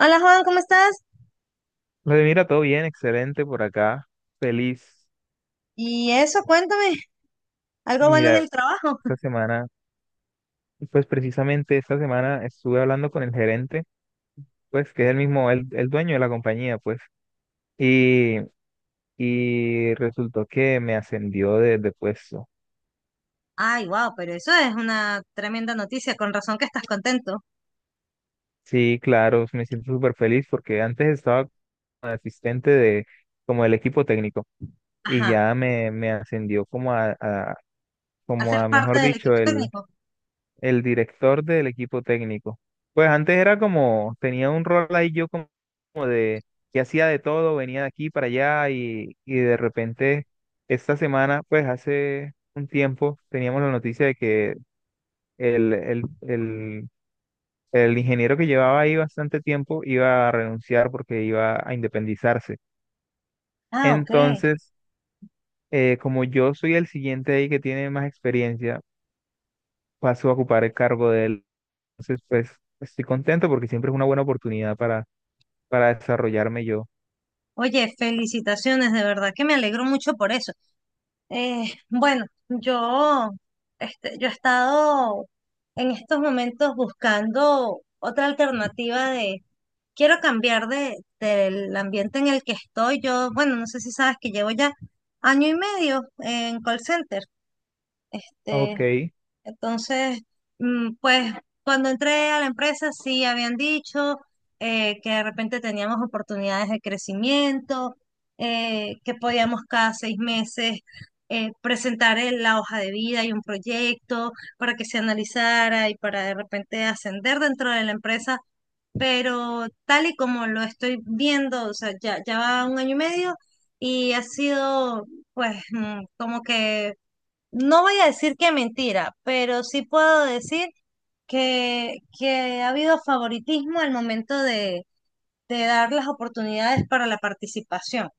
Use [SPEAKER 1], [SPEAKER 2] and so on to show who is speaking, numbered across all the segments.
[SPEAKER 1] Hola Juan, ¿cómo estás?
[SPEAKER 2] Vale, mira, todo bien, excelente por acá. Feliz.
[SPEAKER 1] Y eso, cuéntame, algo bueno en
[SPEAKER 2] Mira,
[SPEAKER 1] el trabajo.
[SPEAKER 2] esta semana, pues precisamente esta semana estuve hablando con el gerente, pues que es el mismo, el dueño de la compañía, pues, y, y resultó que me ascendió de puesto.
[SPEAKER 1] Ay, wow, pero eso es una tremenda noticia, con razón que estás contento.
[SPEAKER 2] Sí, claro, me siento súper feliz porque antes estaba como asistente de, como del equipo técnico, y
[SPEAKER 1] Ajá,
[SPEAKER 2] ya me ascendió como como
[SPEAKER 1] hacer
[SPEAKER 2] a,
[SPEAKER 1] parte
[SPEAKER 2] mejor
[SPEAKER 1] del
[SPEAKER 2] dicho,
[SPEAKER 1] equipo técnico.
[SPEAKER 2] el director del equipo técnico. Pues antes era como, tenía un rol ahí yo como de que hacía de todo, venía de aquí para allá, y de repente esta semana, pues hace un tiempo, teníamos la noticia de que el, el, el, el ingeniero que llevaba ahí bastante tiempo iba a renunciar porque iba a independizarse.
[SPEAKER 1] Ah, ok.
[SPEAKER 2] Entonces, como yo soy el siguiente ahí que tiene más experiencia, paso a ocupar el cargo de él. Entonces, pues estoy contento porque siempre es una buena oportunidad para desarrollarme yo.
[SPEAKER 1] Oye, felicitaciones, de verdad que me alegro mucho por eso. Bueno, yo he estado en estos momentos buscando otra alternativa quiero cambiar del ambiente en el que estoy. Yo, bueno, no sé si sabes que llevo ya año y medio en call center. Este,
[SPEAKER 2] Ok.
[SPEAKER 1] entonces, pues cuando entré a la empresa sí habían dicho que de repente teníamos oportunidades de crecimiento, que podíamos cada 6 meses presentar la hoja de vida y un proyecto para que se analizara y para de repente ascender dentro de la empresa. Pero tal y como lo estoy viendo, o sea, ya va un año y medio y ha sido pues como que no voy a decir que mentira, pero sí puedo decir que ha habido favoritismo al momento de dar las oportunidades para la participación.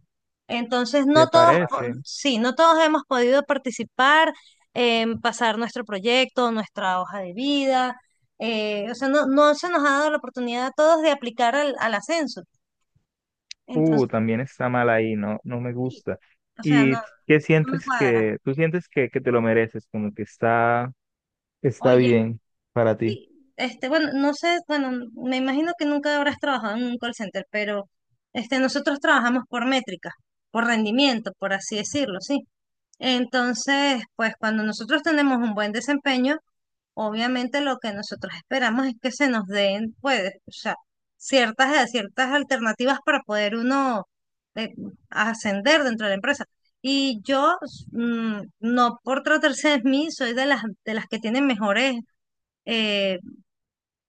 [SPEAKER 1] Entonces,
[SPEAKER 2] ¿Te
[SPEAKER 1] no todos,
[SPEAKER 2] parece?
[SPEAKER 1] sí, no todos hemos podido participar, pasar nuestro proyecto, nuestra hoja de vida. O sea, no, no se nos ha dado la oportunidad a todos de aplicar al ascenso. Entonces,
[SPEAKER 2] También está mal ahí, no, no me
[SPEAKER 1] sí,
[SPEAKER 2] gusta.
[SPEAKER 1] o sea,
[SPEAKER 2] ¿Y
[SPEAKER 1] no,
[SPEAKER 2] qué
[SPEAKER 1] no me
[SPEAKER 2] sientes
[SPEAKER 1] cuadra.
[SPEAKER 2] que, tú sientes que te lo mereces, como que está, está
[SPEAKER 1] Oye.
[SPEAKER 2] bien para ti?
[SPEAKER 1] Sí, bueno, no sé, bueno, me imagino que nunca habrás trabajado en un call center, pero nosotros trabajamos por métricas, por rendimiento, por así decirlo, sí. Entonces, pues cuando nosotros tenemos un buen desempeño, obviamente lo que nosotros esperamos es que se nos den, pues, o sea, ciertas alternativas para poder uno eh, ascender dentro de la empresa. Y yo, no por tratarse de mí, soy de las que tienen mejores eh,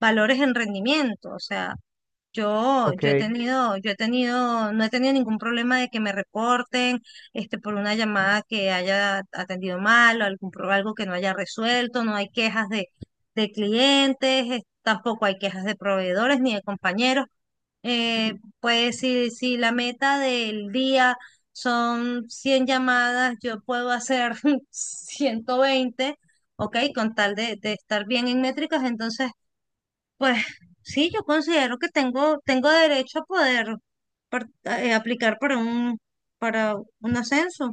[SPEAKER 1] valores en rendimiento. O sea, yo,
[SPEAKER 2] Ok,
[SPEAKER 1] yo he tenido, no he tenido ningún problema de que me reporten, por una llamada que haya atendido mal, o algo que no haya resuelto, no hay quejas de clientes, tampoco hay quejas de proveedores ni de compañeros. Eh, pues si la meta del día son 100 llamadas, yo puedo hacer 120, ok, con tal de estar bien en métricas, entonces pues sí, yo considero que tengo derecho a poder aplicar para un ascenso. O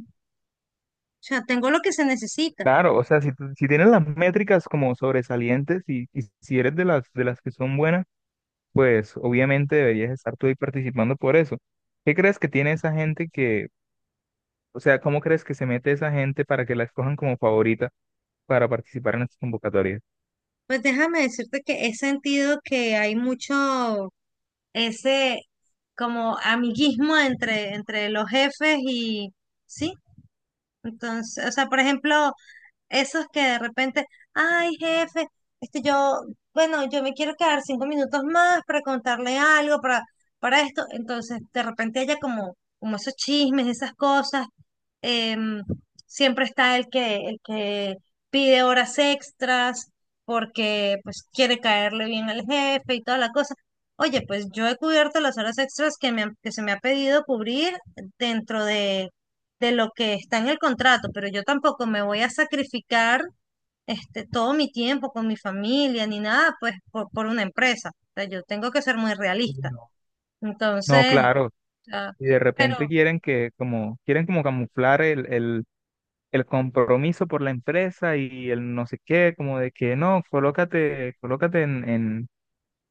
[SPEAKER 1] sea, tengo lo que se necesita.
[SPEAKER 2] claro, o sea, si, si tienes las métricas como sobresalientes, y si eres de las que son buenas, pues obviamente deberías estar tú ahí participando por eso. ¿Qué crees que tiene esa gente que O sea, ¿cómo crees que se mete esa gente para que la escojan como favorita para participar en estas convocatorias?
[SPEAKER 1] Pues déjame decirte que he sentido que hay mucho ese como amiguismo entre los jefes y sí. Entonces, o sea, por ejemplo, esos que de repente, ay, jefe, este yo, bueno, yo me quiero quedar 5 minutos más para contarle algo, para esto. Entonces, de repente haya como esos chismes, esas cosas. Em, Siempre está el que pide horas extras porque pues quiere caerle bien al jefe y toda la cosa. Oye, pues yo he cubierto las horas extras que se me ha pedido cubrir dentro de lo que está en el contrato, pero yo tampoco me voy a sacrificar todo mi tiempo con mi familia ni nada, pues por una empresa. O sea, yo tengo que ser muy
[SPEAKER 2] Y
[SPEAKER 1] realista.
[SPEAKER 2] no. No,
[SPEAKER 1] Entonces,
[SPEAKER 2] claro.
[SPEAKER 1] ah,
[SPEAKER 2] Y de repente
[SPEAKER 1] pero
[SPEAKER 2] quieren que, como quieren como camuflar el compromiso por la empresa y el no sé qué, como de que no, colócate, colócate en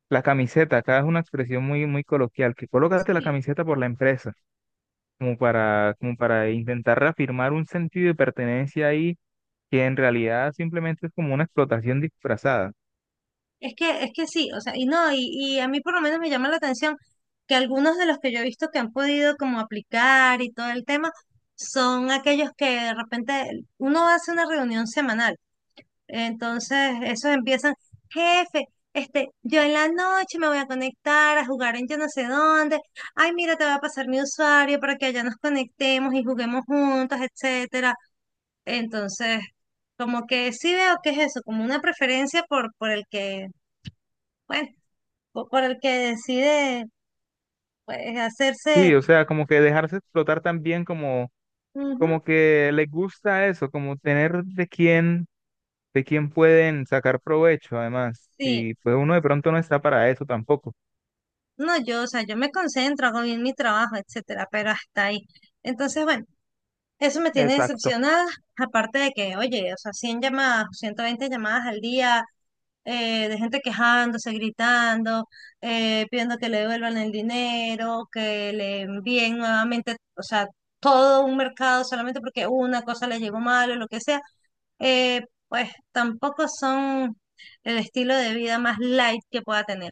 [SPEAKER 2] la camiseta, acá es una expresión muy, muy coloquial, que colócate la
[SPEAKER 1] sí,
[SPEAKER 2] camiseta por la empresa, como para, como para intentar reafirmar un sentido de pertenencia ahí, que en realidad simplemente es como una explotación disfrazada.
[SPEAKER 1] es que sí, o sea, y no, y a mí por lo menos me llama la atención que algunos de los que yo he visto que han podido como aplicar y todo el tema son aquellos que de repente uno hace una reunión semanal. Entonces, esos empiezan, jefe, yo en la noche me voy a conectar a jugar en yo no sé dónde. Ay, mira, te voy a pasar mi usuario para que allá nos conectemos y juguemos juntos, etcétera. Entonces, como que sí veo que es eso, como una preferencia por el que, bueno, por el que decide, pues, hacerse,
[SPEAKER 2] Sí, o sea, como que dejarse explotar también, como,
[SPEAKER 1] ujú,
[SPEAKER 2] como que les gusta eso, como tener de quién pueden sacar provecho, además.
[SPEAKER 1] sí.
[SPEAKER 2] Y pues uno de pronto no está para eso tampoco.
[SPEAKER 1] No, yo, o sea, yo me concentro, hago bien mi trabajo, etcétera, pero hasta ahí. Entonces, bueno. Eso me tiene
[SPEAKER 2] Exacto,
[SPEAKER 1] decepcionada, aparte de que, oye, o sea, 100 llamadas, 120 llamadas al día, de gente quejándose, gritando, pidiendo que le devuelvan el dinero, que le envíen nuevamente, o sea, todo un mercado solamente porque una cosa le llegó mal o lo que sea, eh, pues tampoco son el estilo de vida más light que pueda tener.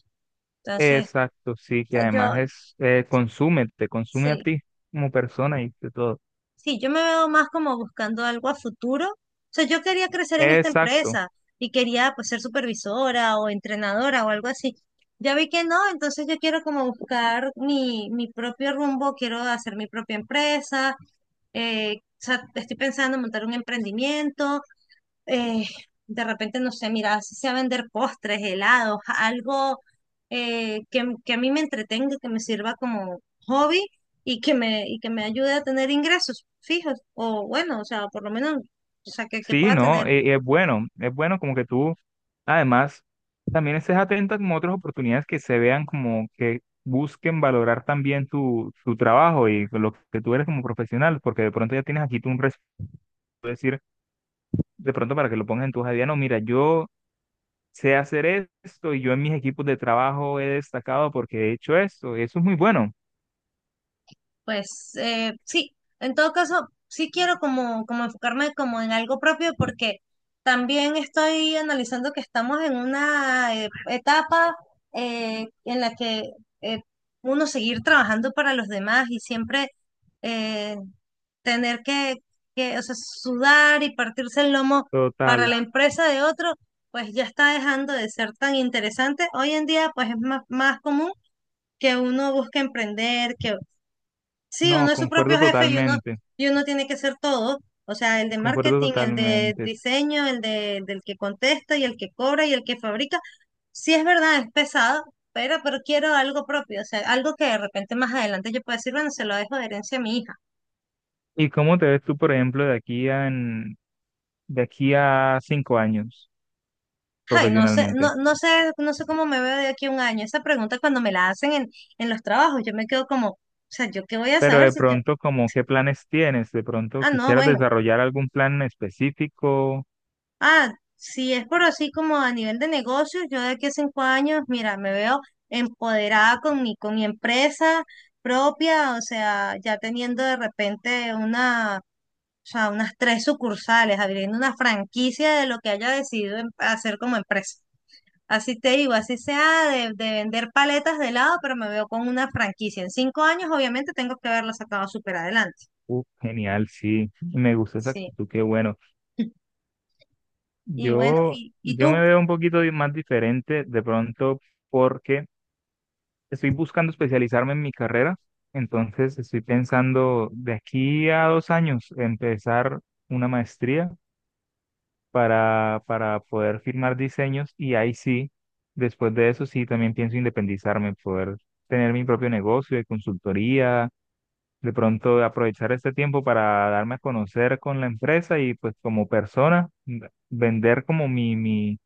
[SPEAKER 1] Entonces, o
[SPEAKER 2] exacto, sí, que
[SPEAKER 1] sea,
[SPEAKER 2] además
[SPEAKER 1] yo,
[SPEAKER 2] es, consume, te consume a
[SPEAKER 1] sí,
[SPEAKER 2] ti como persona y de todo.
[SPEAKER 1] sí, yo me veo más como buscando algo a futuro. O sea, yo quería crecer en esta
[SPEAKER 2] Exacto.
[SPEAKER 1] empresa y quería pues ser supervisora o entrenadora o algo así. Ya vi que no, entonces yo quiero como buscar mi propio rumbo, quiero hacer mi propia empresa. O sea, estoy pensando en montar un emprendimiento eh, de repente, no sé, mira, si sea vender postres, helados, algo que a mí me entretenga, que me sirva como hobby y que me ayude a tener ingresos fijos, o bueno, o sea, por lo menos, o sea, que
[SPEAKER 2] Sí,
[SPEAKER 1] pueda
[SPEAKER 2] no,
[SPEAKER 1] tener.
[SPEAKER 2] es bueno como que tú, además, también estés atenta como a otras oportunidades que se vean, como que busquen valorar también tu trabajo y lo que tú eres como profesional, porque de pronto ya tienes aquí tú un resumen, decir, de pronto para que lo pongas en tu hoja de vida, no, mira, yo sé hacer esto y yo en mis equipos de trabajo he destacado porque he hecho esto, y eso es muy bueno.
[SPEAKER 1] Pues sí, en todo caso, sí quiero como enfocarme como en algo propio porque también estoy analizando que estamos en una etapa en la que eh, uno seguir trabajando para los demás y siempre eh, tener que, o sea, sudar y partirse el lomo para
[SPEAKER 2] Total,
[SPEAKER 1] la empresa de otro, pues ya está dejando de ser tan interesante. Hoy en día, pues es más, más común que uno busque emprender, que Sí,
[SPEAKER 2] no,
[SPEAKER 1] uno es su
[SPEAKER 2] concuerdo
[SPEAKER 1] propio jefe y uno,
[SPEAKER 2] totalmente,
[SPEAKER 1] y uno tiene que ser todo. O sea, el de
[SPEAKER 2] concuerdo
[SPEAKER 1] marketing, el de
[SPEAKER 2] totalmente.
[SPEAKER 1] diseño, del que contesta y el que cobra y el que fabrica. Sí es verdad, es pesado, pero quiero algo propio. O sea, algo que de repente más adelante yo pueda decir, bueno, se lo dejo de herencia a mi hija.
[SPEAKER 2] ¿Y cómo te ves tú, por ejemplo, de aquí a 5 años
[SPEAKER 1] Ay,
[SPEAKER 2] profesionalmente?
[SPEAKER 1] no sé cómo me veo de aquí a un año. Esa pregunta cuando me la hacen en los trabajos, yo me quedo como, o sea, ¿yo qué voy a
[SPEAKER 2] Pero
[SPEAKER 1] saber
[SPEAKER 2] de
[SPEAKER 1] si yo?
[SPEAKER 2] pronto, como qué planes tienes? De pronto
[SPEAKER 1] No,
[SPEAKER 2] quisieras
[SPEAKER 1] bueno,
[SPEAKER 2] desarrollar algún plan en específico.
[SPEAKER 1] Ah, si es por así como a nivel de negocios, yo de aquí a 5 años, mira, me veo empoderada con con mi empresa propia, o sea, ya teniendo de repente una, o sea, unas tres sucursales, abriendo una franquicia de lo que haya decidido hacer como empresa. Así te digo, así sea de vender paletas de helado, pero me veo con una franquicia. En 5 años, obviamente, tengo que haberla sacado súper adelante.
[SPEAKER 2] Genial, sí. Me gusta esa
[SPEAKER 1] Sí.
[SPEAKER 2] actitud, qué bueno.
[SPEAKER 1] Y bueno,
[SPEAKER 2] Yo,
[SPEAKER 1] ¿y
[SPEAKER 2] yo me
[SPEAKER 1] tú?
[SPEAKER 2] veo un poquito más diferente de pronto, porque estoy buscando especializarme en mi carrera. Entonces estoy pensando de aquí a 2 años empezar una maestría para poder firmar diseños, y ahí sí, después de eso sí también pienso independizarme, poder tener mi propio negocio de consultoría, de pronto aprovechar este tiempo para darme a conocer con la empresa y pues como persona, vender como mi,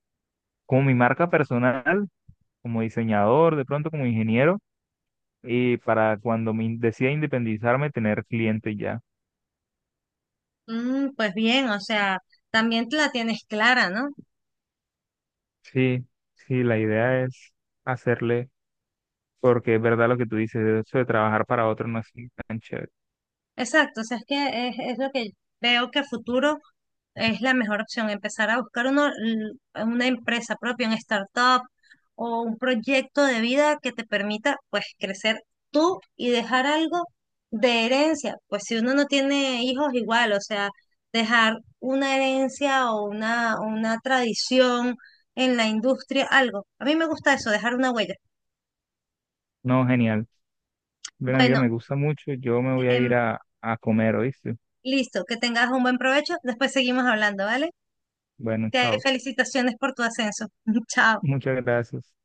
[SPEAKER 2] como mi marca personal, como diseñador, de pronto como ingeniero, y para cuando me decida independizarme tener cliente ya.
[SPEAKER 1] Pues bien, o sea, también te la tienes clara, ¿no?
[SPEAKER 2] Sí, sí, la idea es hacerle. Porque es verdad lo que tú dices, eso de trabajar para otro no es tan chévere.
[SPEAKER 1] Exacto, o sea, es que es lo que veo que a futuro es la mejor opción, empezar a buscar uno, una empresa propia, un startup o un proyecto de vida que te permita, pues, crecer tú y dejar algo de herencia. Pues si uno no tiene hijos, igual, o sea, dejar una herencia o una tradición en la industria, algo. A mí me gusta eso, dejar una huella.
[SPEAKER 2] No, genial. Bueno, amiga,
[SPEAKER 1] Bueno.
[SPEAKER 2] me gusta mucho. Yo me voy a
[SPEAKER 1] em,
[SPEAKER 2] ir a comer, ¿oíste?
[SPEAKER 1] Listo, que tengas un buen provecho. Después seguimos hablando, ¿vale?
[SPEAKER 2] Bueno,
[SPEAKER 1] Te
[SPEAKER 2] chao.
[SPEAKER 1] felicitaciones por tu ascenso. Chao.
[SPEAKER 2] Muchas gracias.